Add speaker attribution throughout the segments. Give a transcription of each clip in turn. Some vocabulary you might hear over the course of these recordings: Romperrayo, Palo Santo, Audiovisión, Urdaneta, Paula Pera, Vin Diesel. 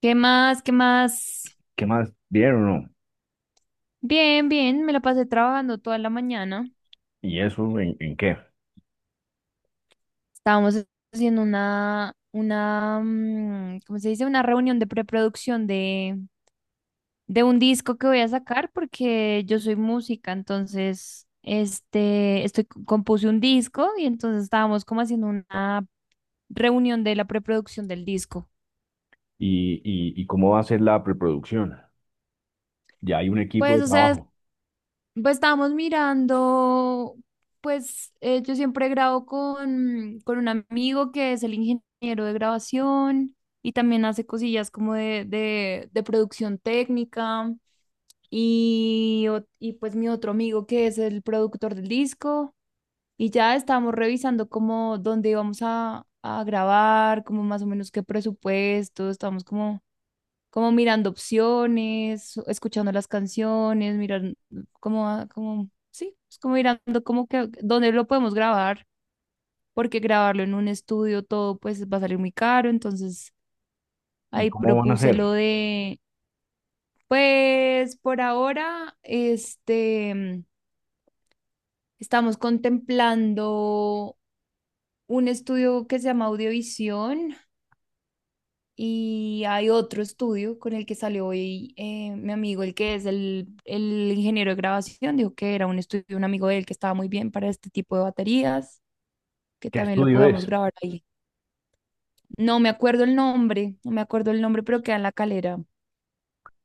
Speaker 1: ¿Qué más? ¿Qué más?
Speaker 2: ¿Qué más? Vieron o no?
Speaker 1: Bien, bien, me la pasé trabajando toda la mañana.
Speaker 2: ¿Y eso en qué?
Speaker 1: Estábamos haciendo una, ¿cómo se dice? Una reunión de preproducción de un disco que voy a sacar porque yo soy música, entonces, compuse un disco y entonces estábamos como haciendo una reunión de la preproducción del disco.
Speaker 2: ¿Y cómo va a ser la preproducción? Ya hay un equipo
Speaker 1: Pues,
Speaker 2: de
Speaker 1: o sea.
Speaker 2: trabajo.
Speaker 1: Pues estábamos mirando, pues yo siempre grabo con un amigo que es el ingeniero de grabación y también hace cosillas como de producción técnica y pues mi otro amigo que es el productor del disco y ya estábamos revisando como dónde íbamos a grabar, como más o menos qué presupuesto, estábamos como mirando opciones, escuchando las canciones, mirar como, como, sí, es como mirando como que dónde lo podemos grabar, porque grabarlo en un estudio todo pues va a salir muy caro, entonces
Speaker 2: ¿Y
Speaker 1: ahí
Speaker 2: cómo van a
Speaker 1: propuse
Speaker 2: hacer?
Speaker 1: lo de. Pues por ahora, estamos contemplando un estudio que se llama Audiovisión. Y hay otro estudio con el que salió hoy mi amigo, el que es el ingeniero de grabación, dijo que era un estudio, de un amigo de él que estaba muy bien para este tipo de baterías, que
Speaker 2: ¿Qué
Speaker 1: también lo
Speaker 2: estudio
Speaker 1: podíamos
Speaker 2: es?
Speaker 1: grabar ahí. No me acuerdo el nombre, no me acuerdo el nombre, pero queda en la Calera.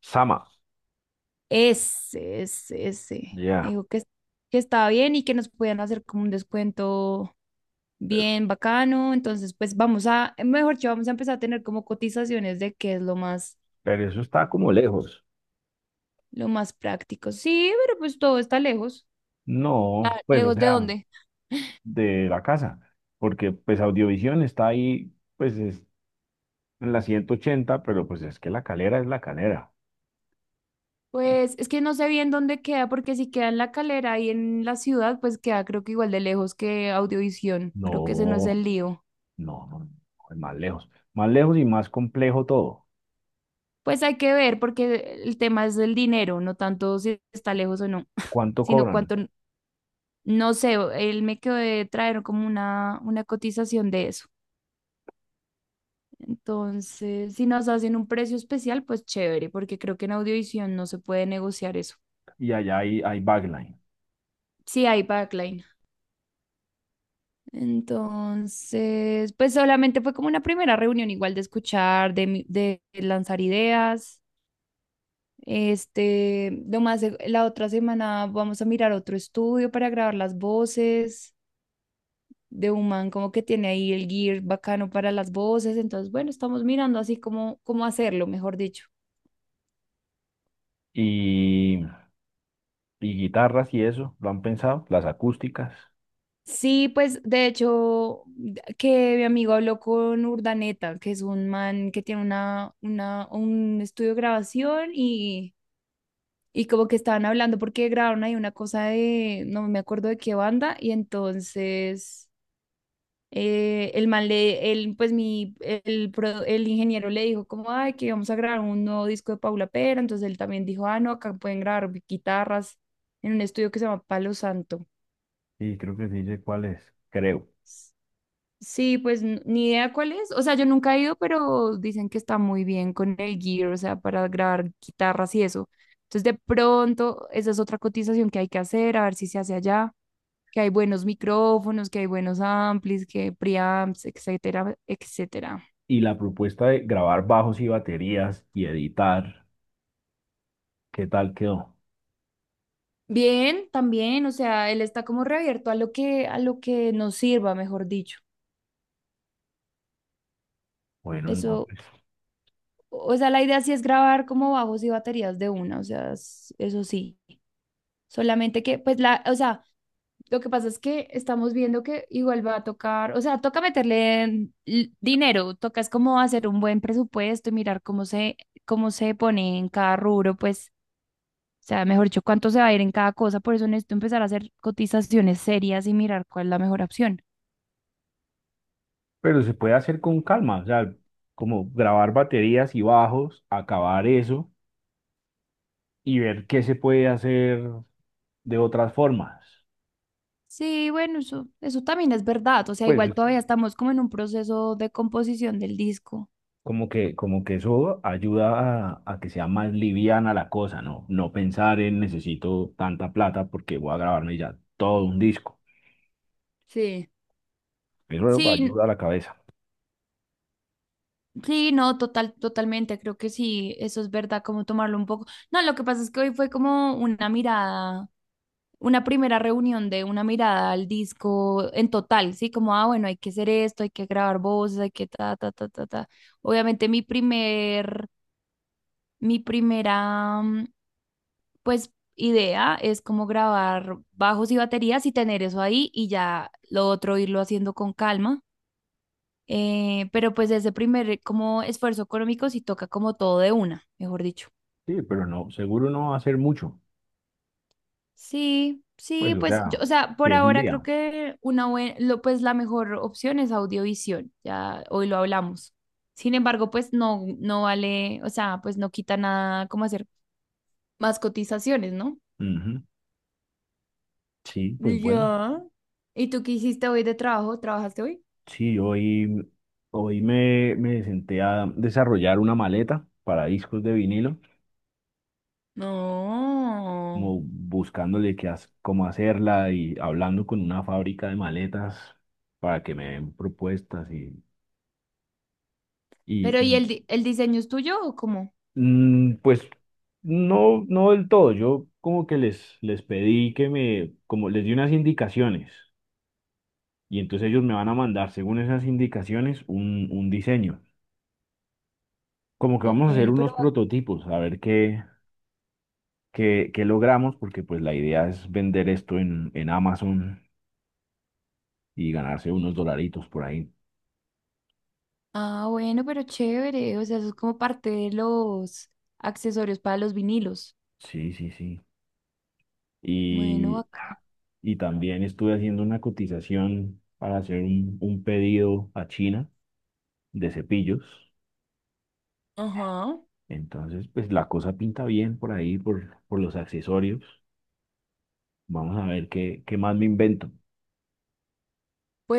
Speaker 2: Sama.
Speaker 1: Ese, ese, ese.
Speaker 2: Ya.
Speaker 1: Dijo que, que estaba bien y que nos podían hacer como un descuento
Speaker 2: pe-
Speaker 1: bien bacano. Entonces, pues vamos a, mejor dicho, vamos a empezar a tener como cotizaciones de qué es lo más.
Speaker 2: Pero eso está como lejos.
Speaker 1: Lo más práctico. Sí, pero pues todo está lejos.
Speaker 2: No,
Speaker 1: Ah,
Speaker 2: pues, o
Speaker 1: ¿lejos de
Speaker 2: sea,
Speaker 1: dónde?
Speaker 2: de la casa. Porque, pues, Audiovisión está ahí, pues, es en la 180, pero, pues, es que La Calera es La Calera. Y
Speaker 1: Pues es que no sé bien dónde queda, porque si queda en la Calera y en la ciudad, pues queda creo que igual de lejos que Audiovisión.
Speaker 2: no,
Speaker 1: Creo que ese no es el lío.
Speaker 2: no, no, no, es más lejos. Más lejos y más complejo todo.
Speaker 1: Pues hay que ver, porque el tema es el dinero, no tanto si está lejos o no,
Speaker 2: ¿Cuánto
Speaker 1: sino
Speaker 2: cobran?
Speaker 1: cuánto, no sé, él me quedó de traer como una cotización de eso. Entonces, si nos hacen un precio especial, pues chévere, porque creo que en Audiovisión no se puede negociar eso.
Speaker 2: Y allá hay backline.
Speaker 1: Sí, hay backline. Entonces, pues solamente fue como una primera reunión igual de escuchar, de lanzar ideas. La otra semana vamos a mirar otro estudio para grabar las voces de un man como que tiene ahí el gear bacano para las voces. Entonces, bueno, estamos mirando así como cómo hacerlo, mejor dicho.
Speaker 2: Y, y guitarras y eso, lo han pensado, las acústicas.
Speaker 1: Sí, pues de hecho, que mi amigo habló con Urdaneta, que es un man que tiene un estudio de grabación y como que estaban hablando porque grabaron ahí una cosa de, no me acuerdo de qué banda, y entonces el man le, él pues mi, el, pro- el ingeniero le dijo como, ay, que vamos a grabar un nuevo disco de Paula Pera, entonces él también dijo, ah, no, acá pueden grabar guitarras en un estudio que se llama Palo Santo.
Speaker 2: Sí, creo que sí sé cuál es. Creo.
Speaker 1: Sí, pues ni idea cuál es, o sea, yo nunca he ido, pero dicen que está muy bien con el gear, o sea, para grabar guitarras y eso. Entonces, de pronto, esa es otra cotización que hay que hacer, a ver si se hace allá. Que hay buenos micrófonos, que hay buenos amplis, que preamps, etcétera, etcétera.
Speaker 2: Y la propuesta de grabar bajos y baterías y editar, ¿qué tal quedó?
Speaker 1: Bien, también, o sea, él está como reabierto a lo que nos sirva, mejor dicho.
Speaker 2: Bueno, no,
Speaker 1: Eso,
Speaker 2: pues,
Speaker 1: o sea, la idea sí es grabar como bajos y baterías de una, o sea, eso sí. Solamente que, pues, o sea, lo que pasa es que estamos viendo que igual va a tocar, o sea, toca meterle en dinero, toca es como hacer un buen presupuesto y mirar cómo se pone en cada rubro, pues sea, mejor dicho, cuánto se va a ir en cada cosa. Por eso necesito empezar a hacer cotizaciones serias y mirar cuál es la mejor opción.
Speaker 2: pero se puede hacer con calma, o sea, como grabar baterías y bajos, acabar eso y ver qué se puede hacer de otras formas.
Speaker 1: Sí, bueno, eso también es verdad. O sea,
Speaker 2: Pues
Speaker 1: igual todavía estamos como en un proceso de composición del disco.
Speaker 2: como que eso ayuda a que sea más liviana la cosa, ¿no? No pensar en necesito tanta plata porque voy a grabarme ya todo un disco.
Speaker 1: Sí.
Speaker 2: Eso
Speaker 1: Sí,
Speaker 2: ayuda a la cabeza.
Speaker 1: sí, no, total, totalmente. Creo que sí, eso es verdad, como tomarlo un poco. No, lo que pasa es que hoy fue como una mirada, una primera reunión de una mirada al disco en total, sí, como, ah, bueno, hay que hacer esto, hay que grabar voces, hay que ta, ta, ta, ta, ta. Obviamente mi primer Mi primera, pues, idea es como grabar bajos y baterías y tener eso ahí y ya lo otro irlo haciendo con calma. Pero pues ese primer como esfuerzo económico sí toca como todo de una, mejor dicho.
Speaker 2: Sí, pero no, seguro no va a ser mucho.
Speaker 1: Sí, sí,
Speaker 2: Pues, o
Speaker 1: pues
Speaker 2: sea,
Speaker 1: yo, o sea,
Speaker 2: si
Speaker 1: por
Speaker 2: es un
Speaker 1: ahora
Speaker 2: día.
Speaker 1: creo que pues la mejor opción es Audiovisión, ya hoy lo hablamos. Sin embargo, pues no, no vale, o sea, pues no quita nada como hacer más cotizaciones, ¿no?
Speaker 2: Ujú. Sí, pues bueno.
Speaker 1: Ya. ¿Y tú qué hiciste hoy de trabajo? ¿Trabajaste hoy?
Speaker 2: Sí, hoy me senté a desarrollar una maleta para discos de vinilo,
Speaker 1: No.
Speaker 2: como buscándole cómo hacerla y hablando con una fábrica de maletas para que me den propuestas. Y
Speaker 1: Pero ¿y el, el diseño es tuyo o cómo?
Speaker 2: pues no, no del todo. Yo como que les pedí que como les di unas indicaciones, y entonces ellos me van a mandar según esas indicaciones un diseño. Como que vamos a hacer
Speaker 1: Bueno,
Speaker 2: unos
Speaker 1: pero.
Speaker 2: prototipos, a ver qué logramos, porque pues la idea es vender esto en Amazon y ganarse unos dolaritos por ahí.
Speaker 1: Ah, bueno, pero chévere. O sea, eso es como parte de los accesorios para los vinilos.
Speaker 2: Sí, sí, sí.
Speaker 1: Bueno,
Speaker 2: Y,
Speaker 1: acá.
Speaker 2: y también estuve haciendo una cotización para hacer un pedido a China de cepillos.
Speaker 1: Ajá.
Speaker 2: Entonces, pues la cosa pinta bien por ahí, por los accesorios. Vamos a ver qué más me invento.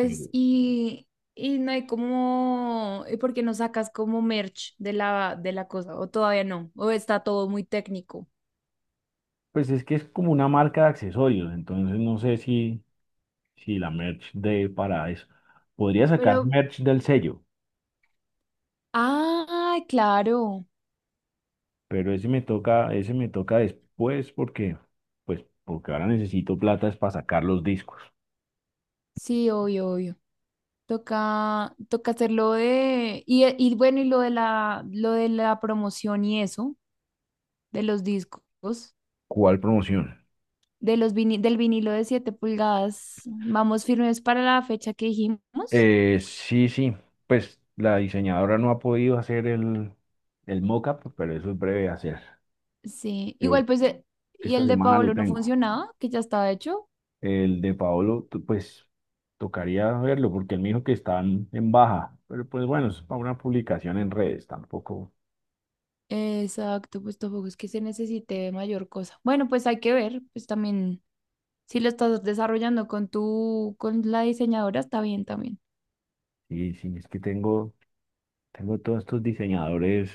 Speaker 2: Pero,
Speaker 1: y no hay como, ¿y por qué no sacas como merch de la cosa? ¿O todavía no? ¿O está todo muy técnico?
Speaker 2: pues es que es como una marca de accesorios, entonces no sé si la merch de para eso. Podría sacar
Speaker 1: Pero,
Speaker 2: merch del sello,
Speaker 1: ah, claro.
Speaker 2: pero ese me toca después, porque, pues, porque ahora necesito plata es para sacar los discos.
Speaker 1: Sí, obvio, obvio. Toca, toca hacerlo de, y bueno, y lo de la promoción y eso, de los discos,
Speaker 2: ¿Cuál promoción?
Speaker 1: del vinilo de 7 pulgadas, vamos firmes para la fecha que dijimos.
Speaker 2: Sí, sí, pues la diseñadora no ha podido hacer el mock-up, pero eso es breve de hacer.
Speaker 1: Sí,
Speaker 2: Yo
Speaker 1: igual pues, y
Speaker 2: esta
Speaker 1: el de
Speaker 2: semana lo
Speaker 1: Paolo no
Speaker 2: tengo.
Speaker 1: funcionaba, que ya estaba hecho.
Speaker 2: El de Paolo, pues tocaría verlo porque él me dijo que están en baja, pero pues bueno, es para una publicación en redes, tampoco.
Speaker 1: Exacto, pues tampoco es que se necesite mayor cosa. Bueno, pues hay que ver, pues también, si lo estás desarrollando con tu, con la diseñadora, está bien también.
Speaker 2: Sí, sí, es que tengo todos estos diseñadores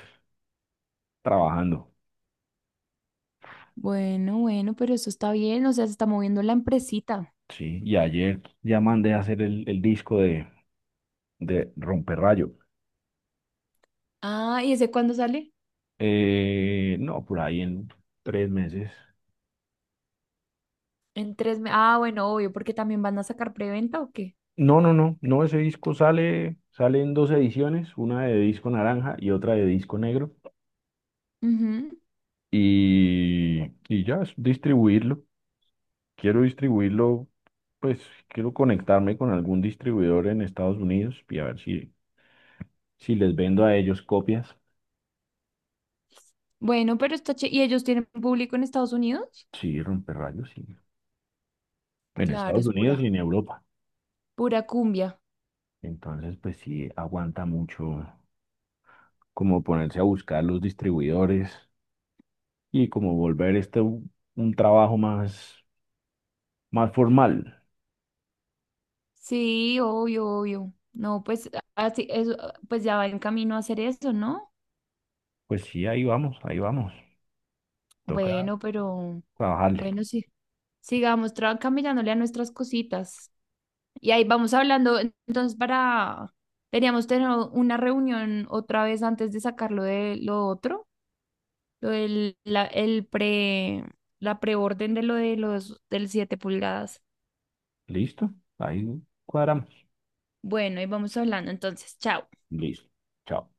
Speaker 2: trabajando,
Speaker 1: Bueno, bueno, pero eso está bien, o sea, se está moviendo la empresita.
Speaker 2: sí, y ayer ya mandé a hacer el disco de Romperrayo.
Speaker 1: Ah, ¿y ese cuándo sale?
Speaker 2: No, por ahí en 3 meses.
Speaker 1: En 3 meses. Ah, bueno, obvio, porque también van a sacar preventa o qué.
Speaker 2: No, no, no, no, ese disco sale en dos ediciones, una de disco naranja y otra de disco negro.
Speaker 1: Ujú.
Speaker 2: Y ya, es distribuirlo. Quiero distribuirlo, pues quiero conectarme con algún distribuidor en Estados Unidos y a ver si les vendo a ellos copias.
Speaker 1: Bueno, pero ¿y ellos tienen público en Estados Unidos?
Speaker 2: Sí, rayos, sí. En
Speaker 1: Claro,
Speaker 2: Estados
Speaker 1: es
Speaker 2: Unidos y
Speaker 1: pura,
Speaker 2: en Europa.
Speaker 1: pura cumbia.
Speaker 2: Entonces, pues sí, aguanta mucho como ponerse a buscar los distribuidores, y como volver este un trabajo más formal.
Speaker 1: Sí, obvio, obvio. No, pues así, eso, ah, pues ya va en camino a hacer eso, ¿no?
Speaker 2: Pues sí, ahí vamos, ahí vamos. Toca
Speaker 1: Bueno, pero
Speaker 2: trabajarle.
Speaker 1: bueno, sí. Sigamos camellándole a nuestras cositas. Y ahí vamos hablando, entonces teníamos tener una reunión otra vez antes de sacarlo de lo otro, lo del, la, el pre, la preorden de lo de los del 7 pulgadas.
Speaker 2: ¿Listo? Ahí cuadramos.
Speaker 1: Bueno, ahí vamos hablando, entonces, chao.
Speaker 2: Listo. Chao.